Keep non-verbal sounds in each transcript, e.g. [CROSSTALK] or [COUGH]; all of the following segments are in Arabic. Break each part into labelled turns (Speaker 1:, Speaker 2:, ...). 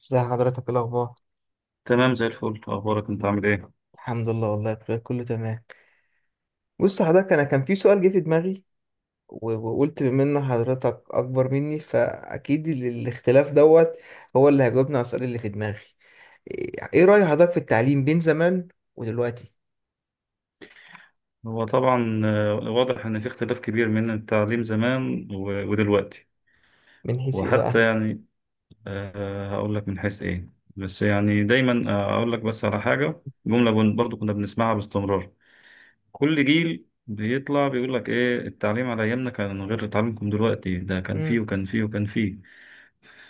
Speaker 1: ازي حضرتك؟ إيه الاخبار؟
Speaker 2: تمام زي الفل. اخبارك انت عامل ايه؟
Speaker 1: الحمد لله، والله بخير، كله تمام. بص حضرتك، انا كان في سؤال جه في دماغي، وقلت بما ان حضرتك اكبر مني فاكيد الاختلاف دوت هو اللي هيجاوبنا على السؤال اللي في دماغي. إيه رأي حضرتك في التعليم بين زمان ودلوقتي؟
Speaker 2: هو طبعا واضح ان في اختلاف كبير من التعليم زمان ودلوقتي.
Speaker 1: من حيث ايه
Speaker 2: وحتى
Speaker 1: بقى؟
Speaker 2: يعني هقول لك من حيث ايه. بس يعني دايما اقول لك بس على حاجه جمله برضو كنا بنسمعها باستمرار. كل جيل بيطلع بيقول لك ايه، التعليم على ايامنا كان غير تعليمكم دلوقتي، ده كان فيه
Speaker 1: امم
Speaker 2: وكان فيه وكان فيه.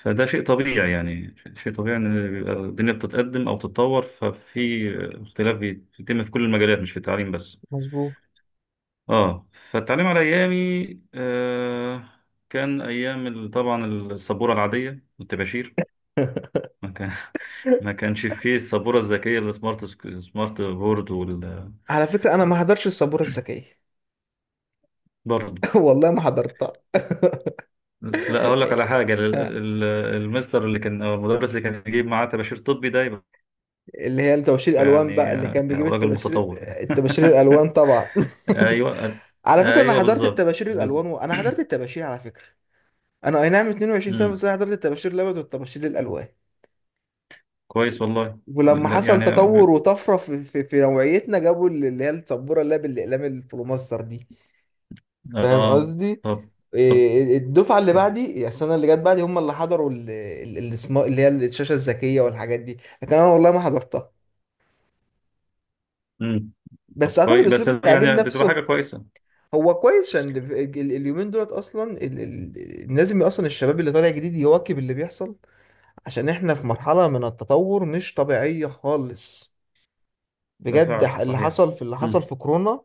Speaker 2: فده شيء طبيعي، يعني شيء طبيعي ان بيبقى الدنيا بتتقدم او تتطور، ففي اختلاف بيتم في كل المجالات مش في التعليم بس.
Speaker 1: مظبوط.
Speaker 2: اه، فالتعليم على ايامي آه كان ايام طبعا السبوره العاديه والطباشير.
Speaker 1: [LAUGHS]
Speaker 2: ما كان [LAUGHS] ما كانش فيه السبوره الذكيه، السمارت، سمارت بورد وال
Speaker 1: على فكرة، انا ما حضرتش السبورة الذكية.
Speaker 2: برضه.
Speaker 1: [LAUGHS] والله ما حضرتها.
Speaker 2: لا، اقول لك على حاجه
Speaker 1: [LAUGHS]
Speaker 2: المستر اللي كان او المدرس اللي كان يجيب معاه طباشير طبي، ده يبقى
Speaker 1: اللي هي توشير الالوان
Speaker 2: يعني
Speaker 1: بقى، اللي كان بيجيب
Speaker 2: راجل
Speaker 1: التباشير.
Speaker 2: متطور يعني.
Speaker 1: التباشير الالوان طبعا.
Speaker 2: [LAUGHS] ايوه،
Speaker 1: [LAUGHS] على فكره، انا
Speaker 2: ايوه،
Speaker 1: حضرت
Speaker 2: بالظبط،
Speaker 1: التباشير الالوان،
Speaker 2: بالظبط.
Speaker 1: وانا
Speaker 2: [CLEARS THROAT]
Speaker 1: حضرت التباشير على فكره. انا اي نعم 22 سنه،
Speaker 2: مم،
Speaker 1: بس انا حضرت التباشير الابيض والتباشير الالوان.
Speaker 2: كويس والله.
Speaker 1: ولما
Speaker 2: لا،
Speaker 1: حصل
Speaker 2: يعني
Speaker 1: تطور وطفره في نوعيتنا، جابوا اللي هي السبوره، اللي هي بالاقلام الفلوماستر دي. فاهم
Speaker 2: اه.
Speaker 1: قصدي؟
Speaker 2: طب،
Speaker 1: إيه،
Speaker 2: طب،
Speaker 1: إيه، الدفعه اللي
Speaker 2: طب.
Speaker 1: بعدي، يعني السنه اللي جت بعدي هم اللي حضروا اللي هي الشاشه الذكيه والحاجات دي. لكن انا والله ما حضرتها.
Speaker 2: مم. طب
Speaker 1: بس اعتقد
Speaker 2: كويس، بس
Speaker 1: اسلوب التعليم
Speaker 2: يعني بتبقى
Speaker 1: نفسه
Speaker 2: حاجة كويسة
Speaker 1: هو كويس،
Speaker 2: بس
Speaker 1: عشان
Speaker 2: كده.
Speaker 1: اليومين دولت اصلا لازم اصلا الشباب اللي طالع جديد يواكب اللي بيحصل، عشان احنا في مرحلة من التطور مش طبيعية خالص.
Speaker 2: ده
Speaker 1: بجد
Speaker 2: فعلا صحيح.
Speaker 1: اللي حصل
Speaker 2: مم.
Speaker 1: في كورونا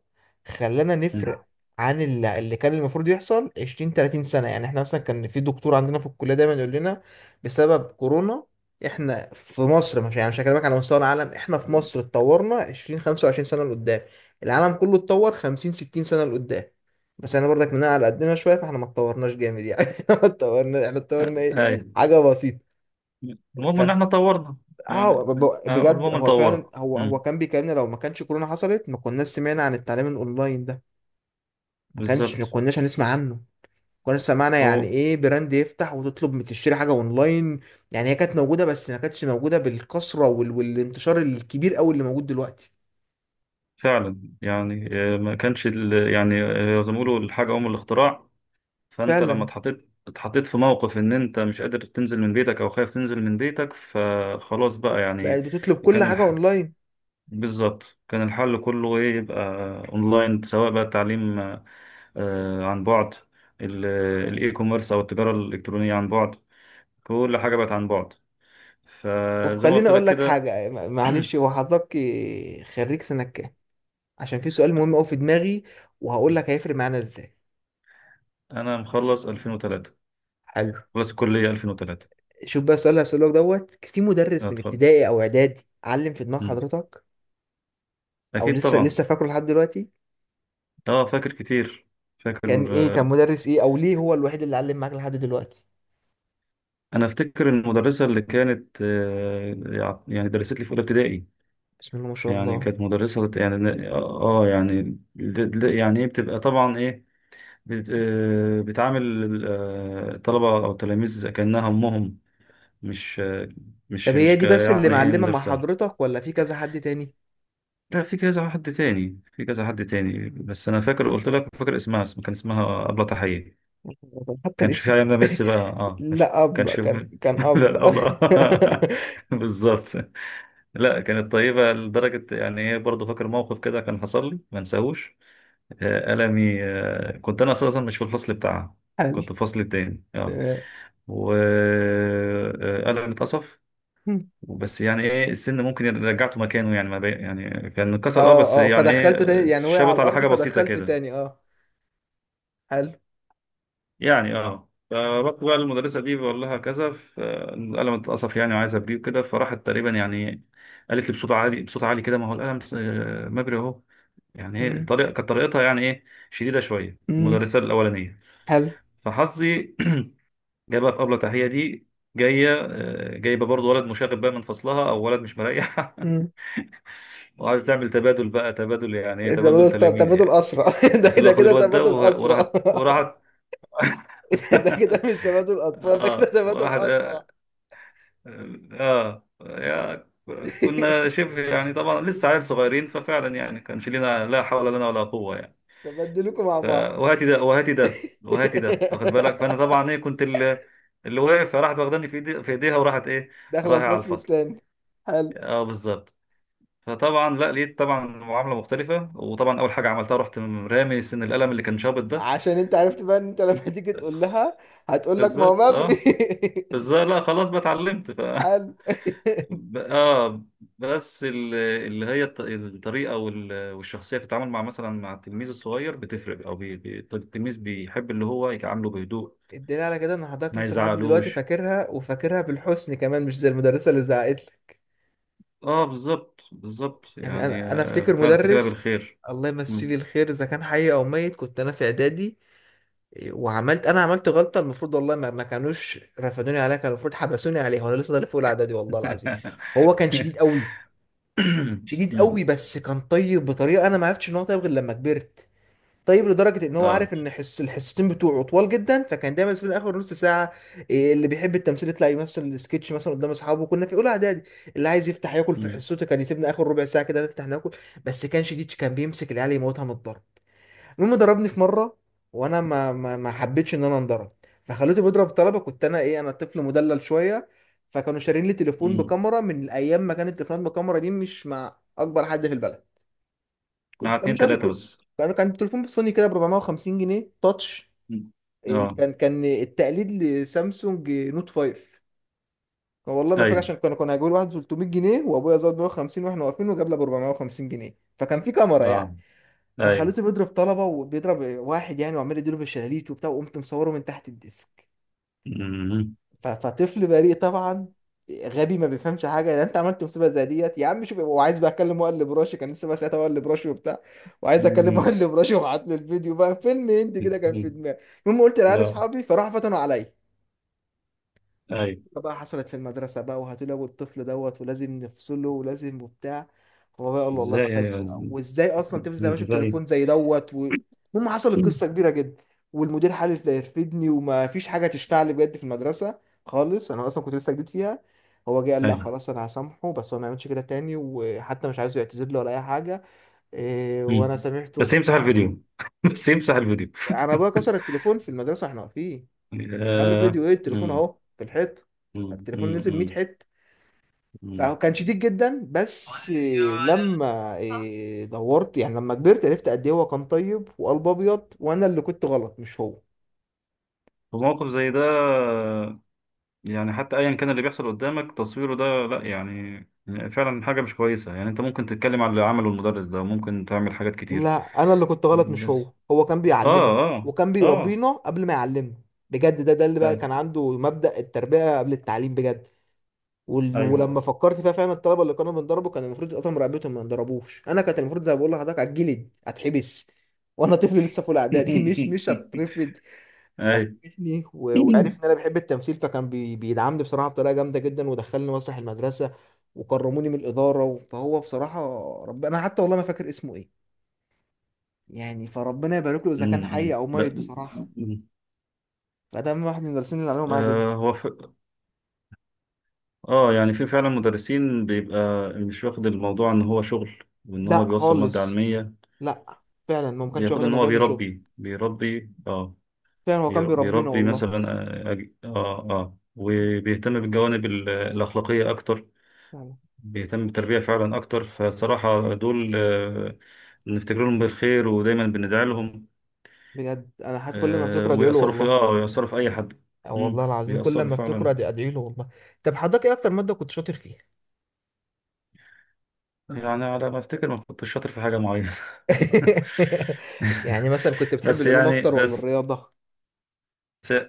Speaker 1: خلانا نفرق
Speaker 2: مم.
Speaker 1: عن اللي كان المفروض يحصل 20 30 سنة. يعني احنا مثلا كان في دكتور عندنا في الكلية دايما يقول لنا، بسبب كورونا احنا في مصر، مش يعني مش هكلمك على مستوى العالم، احنا في مصر اتطورنا 20 25 سنة لقدام، العالم كله اتطور 50 60 سنة لقدام. بس احنا برضك مننا على قدنا شوية، فاحنا ما اتطورناش جامد يعني [LAUGHS] ما اتطورنا، احنا
Speaker 2: آه،
Speaker 1: اتطورنا
Speaker 2: أي
Speaker 1: ايه؟ حاجة بسيطة.
Speaker 2: المهم إن إحنا طورنا
Speaker 1: اه،
Speaker 2: يعني.
Speaker 1: بجد
Speaker 2: المهم إن
Speaker 1: هو
Speaker 2: طورنا.
Speaker 1: فعلا، هو
Speaker 2: مم.
Speaker 1: كان بيكلمنا لو ما كانش كورونا حصلت ما كناش سمعنا عن التعليم الاونلاين ده.
Speaker 2: بالظبط.
Speaker 1: ما كناش هنسمع عنه، ما كناش سمعنا يعني
Speaker 2: هو
Speaker 1: ايه براند يفتح وتطلب تشتري حاجه اونلاين. يعني هي كانت موجوده، بس ما كانتش موجوده بالكثره والانتشار الكبير قوي اللي موجود دلوقتي.
Speaker 2: فعلا يعني ما كانش ال- يعني زي ما بيقولوا، الحاجة أم الاختراع. فأنت لما
Speaker 1: فعلا،
Speaker 2: اتحطيت في موقف إن أنت مش قادر تنزل من بيتك أو خايف تنزل من بيتك، فخلاص بقى يعني.
Speaker 1: بقت بتطلب كل
Speaker 2: كان
Speaker 1: حاجه
Speaker 2: الح...
Speaker 1: اونلاين.
Speaker 2: بالظبط، كان الحل كله ايه؟ يبقى اونلاين، سواء بقى التعليم عن بعد، ال- الاي كوميرس او التجاره الالكترونيه عن بعد. كل حاجه بقت عن بعد،
Speaker 1: طب
Speaker 2: فزي ما
Speaker 1: خليني
Speaker 2: قلت لك
Speaker 1: اقول لك
Speaker 2: كده.
Speaker 1: حاجه، معلش، هو
Speaker 2: [CLEARS THROAT]
Speaker 1: حضرتك خريج سنه كام؟ عشان في سؤال مهم قوي في دماغي، وهقول لك هيفرق معانا ازاي.
Speaker 2: انا مخلص 2003،
Speaker 1: حلو.
Speaker 2: خلص الكليه 2003.
Speaker 1: شوف بقى السؤال اللي هسألك دوت، في مدرس من
Speaker 2: اتفضل.
Speaker 1: ابتدائي او اعدادي علم في دماغ
Speaker 2: مم.
Speaker 1: حضرتك او
Speaker 2: اكيد
Speaker 1: لسه
Speaker 2: طبعا.
Speaker 1: فاكره لحد دلوقتي؟
Speaker 2: اه، فاكر كتير، فاكر.
Speaker 1: كان مدرس ايه؟ او ليه هو الوحيد اللي علم معاك لحد دلوقتي؟
Speaker 2: انا افتكر المدرسه اللي كانت يعني درست لي في اولى ابتدائي.
Speaker 1: بسم الله ما شاء
Speaker 2: يعني
Speaker 1: الله.
Speaker 2: كانت مدرسة بت- يعني اه يعني يعني ايه، بتبقى طبعا ايه، بت- بتعامل الطلبة او التلاميذ كأنها امهم، مش
Speaker 1: طب هي
Speaker 2: ك
Speaker 1: دي بس اللي
Speaker 2: يعني ايه
Speaker 1: معلمة مع
Speaker 2: مدرسة.
Speaker 1: حضرتك ولا في كذا حد تاني؟
Speaker 2: لا، في كذا حد تاني، بس انا فاكر قلت لك، فاكر اسمها، اسم، كان اسمها أبلة تحية.
Speaker 1: حتى
Speaker 2: كانش في
Speaker 1: الاسم!
Speaker 2: علينا ميسي بقى،
Speaker 1: [LAUGHS]
Speaker 2: اه مش
Speaker 1: لا، أبلة،
Speaker 2: كانش.
Speaker 1: كان
Speaker 2: [LAUGHS]
Speaker 1: أبلة.
Speaker 2: لا أبلة.
Speaker 1: [LAUGHS]
Speaker 2: [LAUGHS] بالظبط. لا، كانت طيبة لدرجة يعني ايه، برضه فاكر موقف كده كان حصل لي ما انساهوش. قلمي، كنت انا اساسا مش في الفصل بتاعها،
Speaker 1: حلو.
Speaker 2: كنت في الفصل التاني، اه.
Speaker 1: تمام.
Speaker 2: وقلمي اتقصف، بس يعني ايه السن ممكن رجعته مكانه، يعني ما بي... يعني كان اتكسر، اه
Speaker 1: اه،
Speaker 2: بس
Speaker 1: اه،
Speaker 2: يعني
Speaker 1: فدخلته
Speaker 2: ايه
Speaker 1: تاني يعني، وقع على
Speaker 2: شبط على
Speaker 1: الأرض
Speaker 2: حاجه بسيطه
Speaker 1: فدخلته
Speaker 2: كده
Speaker 1: تاني، اه. حلو.
Speaker 2: يعني، اه. فرحت بقى للمدرسه دي بقول لها كذا، القلم اتقصف يعني، وعايز ابريه كده. فراحت تقريبا يعني قالت لي بصوت عالي، بصوت عالي كده، ما هو القلم مبري اهو. يعني ايه
Speaker 1: مم.
Speaker 2: طريقه كانت طريقتها، يعني ايه شديده شويه
Speaker 1: مم.
Speaker 2: المدرسه الاولانيه.
Speaker 1: حلو.
Speaker 2: فحظي [CLEARS THROAT] جايه بقى في قبل تحيه دي، جايه جايبه برضه ولد مشاغب بقى من فصلها، او ولد مش مريح. [LAUGHS] وعايز تعمل تبادل بقى، تبادل يعني ايه، تبادل
Speaker 1: تبادل،
Speaker 2: تلاميذ
Speaker 1: تبادل
Speaker 2: يعني.
Speaker 1: أسرع. [LAUGHS] ده
Speaker 2: بتقول له
Speaker 1: كده،
Speaker 2: خد
Speaker 1: كده
Speaker 2: الواد ده،
Speaker 1: تبادل
Speaker 2: وراحت،
Speaker 1: أسرع. [LAUGHS] ده كده
Speaker 2: [LAUGHS]
Speaker 1: مش تبادل أطفال، ده كده
Speaker 2: اه،
Speaker 1: تبادل
Speaker 2: وراحت،
Speaker 1: أسرع.
Speaker 2: اه، يا، كنا
Speaker 1: [LAUGHS]
Speaker 2: شبه يعني طبعا لسه عيال صغيرين، ففعلا يعني كانش لنا لا حول لنا ولا قوه يعني.
Speaker 1: تبدلوكوا مع
Speaker 2: ف
Speaker 1: بعض.
Speaker 2: وهاتي ده وهاتي ده
Speaker 1: [LAUGHS]
Speaker 2: وهاتي ده، واخد بالك. فانا طبعا ايه، كنت اللي واقف، فراحت واخداني في ايدي، في ايديها، وراحت ايه،
Speaker 1: داخلة
Speaker 2: رايحه على
Speaker 1: الفصل
Speaker 2: الفصل،
Speaker 1: التاني. حلو.
Speaker 2: اه بالظبط. فطبعا لا لقيت طبعا معامله مختلفه، وطبعا اول حاجه عملتها، رحت رامي سن القلم اللي كان شابط ده.
Speaker 1: عشان انت عرفت بقى ان انت لما تيجي تقول لها، هتقول لك ما هو
Speaker 2: بالظبط،
Speaker 1: ممري.
Speaker 2: اه
Speaker 1: [LAUGHS]
Speaker 2: بالظبط. لا خلاص بقى اتعلمت ف [LAUGHS]
Speaker 1: حلو.
Speaker 2: ب- اه، بس اللي هي الطريقه والشخصيه في التعامل مع مثلا مع التلميذ الصغير بتفرق، او بي... بي- التلميذ بيحب اللي هو يتعامله بهدوء،
Speaker 1: [LAUGHS] الدليل على كده ان حضرتك
Speaker 2: ما
Speaker 1: لسه لحد دلوقتي
Speaker 2: يزعلوش.
Speaker 1: فاكرها، وفاكرها بالحسن كمان، مش زي المدرسة اللي زعقت لك.
Speaker 2: اه بالظبط، بالظبط
Speaker 1: يعني
Speaker 2: يعني
Speaker 1: انا افتكر
Speaker 2: فعلا افتكرها
Speaker 1: مدرس،
Speaker 2: بالخير.
Speaker 1: الله يمسيه
Speaker 2: مم.
Speaker 1: بالخير اذا كان حي او ميت، كنت انا في اعدادي وعملت، عملت غلطه المفروض والله ما كانوش رفدوني عليها، كان المفروض حبسوني عليها وانا لسه طالع فوق الاعدادي، والله العظيم.
Speaker 2: [LAUGHS]
Speaker 1: هو كان شديد قوي، شديد قوي،
Speaker 2: مم.
Speaker 1: بس كان طيب بطريقه انا ما عرفتش ان هو طيب غير لما كبرت. طيب لدرجه ان هو
Speaker 2: اه.
Speaker 1: عارف ان حس الحصتين بتوعه طوال جدا، فكان دايما في اخر نص ساعه، اللي بيحب التمثيل يطلع يمثل السكتش مثلا قدام اصحابه، كنا في اولى اعدادي. اللي عايز يفتح ياكل في
Speaker 2: مم.
Speaker 1: حصته كان يسيبنا اخر ربع ساعه كده نفتح ناكل. بس كان شديد، كان بيمسك العيال يموتها من الضرب. المهم ضربني في مره، وانا ما حبيتش ان انا انضرب، فخليته بيضرب طلبه، كنت انا ايه، انا طفل مدلل شويه. فكانوا شارين لي تليفون
Speaker 2: مم.
Speaker 1: بكاميرا من ايام ما كانت التليفونات بكاميرا دي مش مع اكبر حد في البلد.
Speaker 2: مع
Speaker 1: كان
Speaker 2: اتنين
Speaker 1: مش عارف،
Speaker 2: تلاتة
Speaker 1: كنت،
Speaker 2: بس.
Speaker 1: كان تليفون بالصيني كده ب 450 جنيه تاتش.
Speaker 2: مم. اه.
Speaker 1: كان التقليد لسامسونج نوت 5. كان والله ما فاكر،
Speaker 2: ايوه.
Speaker 1: عشان كانوا هيجيبوا لي واحد ب 300 جنيه، وابويا زود 150 واحنا واقفين، وجاب لي ب 450 جنيه، فكان في كاميرا يعني.
Speaker 2: اه. ايوه.
Speaker 1: فخلوته بيضرب طلبة، وبيضرب واحد يعني وعمال يديله بالشلاليت وبتاع، وقمت مصوره من تحت الديسك.
Speaker 2: مم.
Speaker 1: فطفل بريء طبعا، غبي ما بيفهمش حاجة يعني، انت عملت مصيبة زي ديت يا عم شوف، وعايز بقى اكلم مقلب راشي، كان لسه بقى ساعتها مقلب راشي وبتاع، وعايز اكلم
Speaker 2: مم.
Speaker 1: مقلب راشي، وبعت له الفيديو بقى، فيلم هندي كده كان في
Speaker 2: مم.
Speaker 1: دماغي. المهم قلت لعيال
Speaker 2: لا.
Speaker 1: اصحابي، فراحوا فتنوا عليا.
Speaker 2: ايوه.
Speaker 1: بقى حصلت في المدرسة بقى، وهتلاقوا الطفل دوت ولازم نفصله ولازم وبتاع. هو بقى قال له والله
Speaker 2: ازاي،
Speaker 1: ما
Speaker 2: ايوه.
Speaker 1: كانش، وازاي اصلا تمسك ده ماشي
Speaker 2: ازاي.
Speaker 1: بتليفون زي دوت المهم حصلت قصة كبيرة جدا، والمدير حالف لا يرفدني، وما فيش حاجة تشفع لي بجد في المدرسة خالص، انا اصلا كنت لسه جديد فيها. هو جه قال لا
Speaker 2: ايوه.
Speaker 1: خلاص، انا هسامحه، بس هو ما يعملش كده تاني، وحتى مش عايزه يعتذر له ولا اي حاجة.
Speaker 2: مم.
Speaker 1: وانا سامحته
Speaker 2: بس يمسح
Speaker 1: وبتاع.
Speaker 2: الفيديو، [LAUGHS] بس يمسح الفيديو.
Speaker 1: انا ابويا كسر التليفون في المدرسة واحنا واقفين،
Speaker 2: [LAUGHS]
Speaker 1: قال له
Speaker 2: آه.
Speaker 1: فيديو ايه؟ التليفون
Speaker 2: مم.
Speaker 1: اهو في الحيطة.
Speaker 2: مم.
Speaker 1: فالتليفون
Speaker 2: مم.
Speaker 1: نزل
Speaker 2: مم.
Speaker 1: 100 حتة.
Speaker 2: مم.
Speaker 1: فهو كان شديد جدا، بس لما دورت يعني، لما كبرت عرفت قد ايه هو كان طيب وقلب ابيض، وانا اللي كنت غلط مش هو.
Speaker 2: في موقف زي ده، يعني حتى ايا كان اللي بيحصل قدامك، تصويره ده لا يعني، فعلا حاجه مش كويسه يعني. انت ممكن تتكلم على اللي عمله المدرس ده، ممكن تعمل حاجات كتير،
Speaker 1: لا، انا اللي كنت غلط مش
Speaker 2: بس.
Speaker 1: هو كان بيعلمني،
Speaker 2: اه، اه،
Speaker 1: وكان
Speaker 2: اه.
Speaker 1: بيربينا قبل ما يعلمنا. بجد، ده اللي بقى
Speaker 2: أي-
Speaker 1: كان عنده مبدأ التربية قبل التعليم بجد.
Speaker 2: ايوه.
Speaker 1: ولما فكرت فيها فعلا، الطلبة اللي كانوا بنضربه كان المفروض يقطعوا رقبتهم ما ينضربوش، انا كانت المفروض زي ما بقول لحضرتك هتجلد، هتحبس، وانا طفل لسه في اولى اعدادي. [LAUGHS] مش
Speaker 2: [LAUGHS]
Speaker 1: هترفد.
Speaker 2: ايوه.
Speaker 1: فساعدني وعرف ان انا بحب التمثيل، فكان بيدعمني بصراحه بطريقه جامده جدا، ودخلني مسرح المدرسه، وكرموني من الاداره فهو بصراحه، انا حتى والله ما فاكر اسمه ايه، يعني فربنا يبارك له اذا كان حي
Speaker 2: أمم.
Speaker 1: او
Speaker 2: ب-
Speaker 1: ميت بصراحه.
Speaker 2: أمم.
Speaker 1: فده من واحد من المدرسين اللي عملوا معايا جدا.
Speaker 2: آه، هو ف... اه، يعني في فعلا مدرسين بيبقى مش واخد الموضوع ان هو شغل، وان هو
Speaker 1: لا
Speaker 2: بيوصل ماده
Speaker 1: خالص،
Speaker 2: علميه،
Speaker 1: لا، فعلا ما كانش
Speaker 2: بياخد
Speaker 1: واخد
Speaker 2: ان
Speaker 1: الموضوع
Speaker 2: هو
Speaker 1: انه شغل.
Speaker 2: بيربي، بيربي اه،
Speaker 1: فعلا هو كان بيربينا
Speaker 2: بيربي
Speaker 1: والله.
Speaker 2: مثلا. اه اه، وبيهتم بالجوانب الأخلاقية أكتر،
Speaker 1: فعلا.
Speaker 2: بيهتم بالتربية فعلا أكتر. فصراحة دول نفتكر لهم بالخير ودايما بندعي لهم.
Speaker 1: بجد انا حتى كل ما افتكر ادعي له
Speaker 2: ويأثروا في،
Speaker 1: والله.
Speaker 2: اه ويأثروا في أي حد.
Speaker 1: أو
Speaker 2: مم.
Speaker 1: والله العظيم، كل
Speaker 2: بيأثروا
Speaker 1: ما افتكر
Speaker 2: فعلا.
Speaker 1: أدعي له والله. طب حضرتك ايه اكتر ماده كنت شاطر فيها؟
Speaker 2: يعني على ما أفتكر ما كنتش شاطر في حاجة معينة.
Speaker 1: [LAUGHS] يعني مثلا كنت
Speaker 2: [LAUGHS]
Speaker 1: بتحب
Speaker 2: بس
Speaker 1: العلوم
Speaker 2: يعني
Speaker 1: اكتر ولا
Speaker 2: بس
Speaker 1: الرياضه؟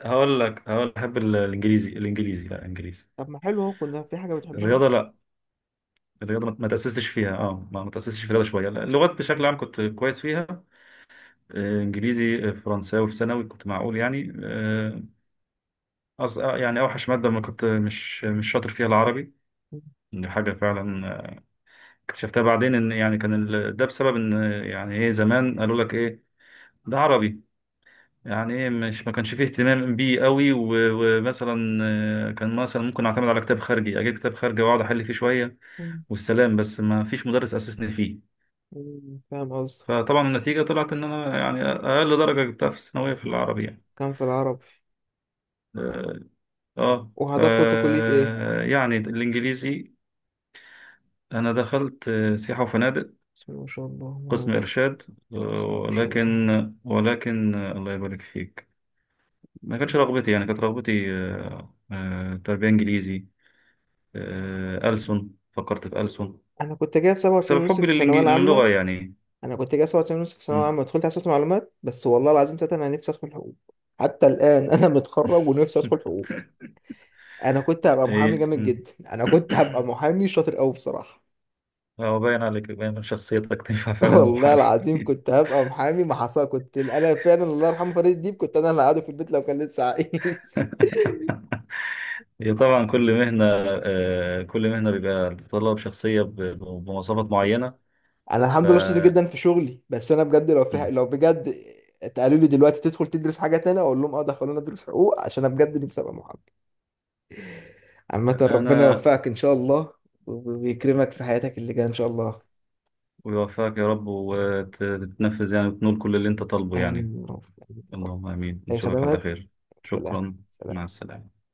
Speaker 2: هقول لك، هقول لك، أحب الإنجليزي لا إنجليزي.
Speaker 1: طب ما حلو اهو، كنا في حاجه بتحبها اهو.
Speaker 2: الرياضة لا، الرياضة ما تأسستش فيها اه، ما تأسستش في الرياضة شوية. لا، اللغات بشكل عام كنت كويس فيها، انجليزي فرنساوي، في ثانوي كنت معقول يعني. آه، أص... آه، يعني اوحش مادة ما كنت مش مش شاطر فيها، العربي.
Speaker 1: [LAUGHS]
Speaker 2: دي حاجة فعلا اكتشفتها بعدين، ان يعني كان ال... ده بسبب ان يعني ايه زمان قالوا لك ايه، ده عربي، يعني ايه مش ما كانش فيه اهتمام بيه قوي و... ومثلا كان مثلا ممكن اعتمد على كتاب خارجي، اجيب كتاب خارجي واقعد احل فيه شوية
Speaker 1: مم.
Speaker 2: والسلام، بس ما فيش مدرس اسسني فيه.
Speaker 1: مم. فاهم قصدك.
Speaker 2: فطبعا النتيجة طلعت إن أنا يعني أقل درجة جبتها في الثانوية في العربي يعني،
Speaker 1: كان في العربي.
Speaker 2: آه. آه. ف
Speaker 1: وحضرتك كنت كليه ايه؟
Speaker 2: يعني الإنجليزي. أنا دخلت سياحة وفنادق،
Speaker 1: بسم الله ما شاء الله، اللهم
Speaker 2: قسم
Speaker 1: بارك.
Speaker 2: إرشاد، آه.
Speaker 1: بسم الله ما شاء الله.
Speaker 2: ولكن، ولكن الله يبارك فيك، ما
Speaker 1: مم.
Speaker 2: كانتش رغبتي. يعني كانت رغبتي تربية إنجليزي، ألسن، فكرت في ألسن
Speaker 1: انا كنت جايب 97
Speaker 2: بسبب
Speaker 1: ونص
Speaker 2: حبي
Speaker 1: في الثانويه العامه.
Speaker 2: للغة يعني.
Speaker 1: انا كنت جايب 97 ونص في الثانويه
Speaker 2: مم.
Speaker 1: العامه ودخلت حاسبات معلومات، بس والله العظيم تلاته انا نفسي ادخل حقوق. حتى الان انا متخرج ونفسي ادخل حقوق.
Speaker 2: [LAUGHS]
Speaker 1: انا كنت هبقى محامي
Speaker 2: إيه.
Speaker 1: جامد
Speaker 2: مم.
Speaker 1: جدا، انا كنت هبقى محامي شاطر قوي بصراحه.
Speaker 2: هو باين عليك، باين من شخصيتك تنفع
Speaker 1: [LAUGHS]
Speaker 2: فعلا
Speaker 1: والله
Speaker 2: محامي. [LAUGHS]
Speaker 1: العظيم كنت هبقى محامي، ما حصل، كنت انا فعلا الله يرحمه فريد الديب، كنت انا اللي قاعده في البيت لو كان لسه عايش. [LAUGHS]
Speaker 2: هي طبعا كل مهنة، كل مهنة بيبقى تتطلب شخصية بمواصفات معينة،
Speaker 1: انا
Speaker 2: ف
Speaker 1: الحمد لله شاطر جدا في شغلي، بس انا بجد لو في،
Speaker 2: مم.
Speaker 1: لو بجد اتقالوا لي دلوقتي تدخل تدرس حاجه تانية، اقول لهم اه دخلونا ادرس حقوق، عشان انا بجد نفسي ابقى محامي. عامه ربنا
Speaker 2: أنا
Speaker 1: يوفقك ان شاء الله، ويكرمك في حياتك اللي جايه ان شاء الله.
Speaker 2: ويوفقك يا رب، وتتنفذ يعني وتنول كل اللي أنت طالبه يعني.
Speaker 1: امين يا رب. آمين يا رب.
Speaker 2: اللهم آمين،
Speaker 1: اي
Speaker 2: نشوفك على
Speaker 1: خدمات.
Speaker 2: خير.
Speaker 1: سلام.
Speaker 2: شكرا،
Speaker 1: سلام.
Speaker 2: مع السلامة.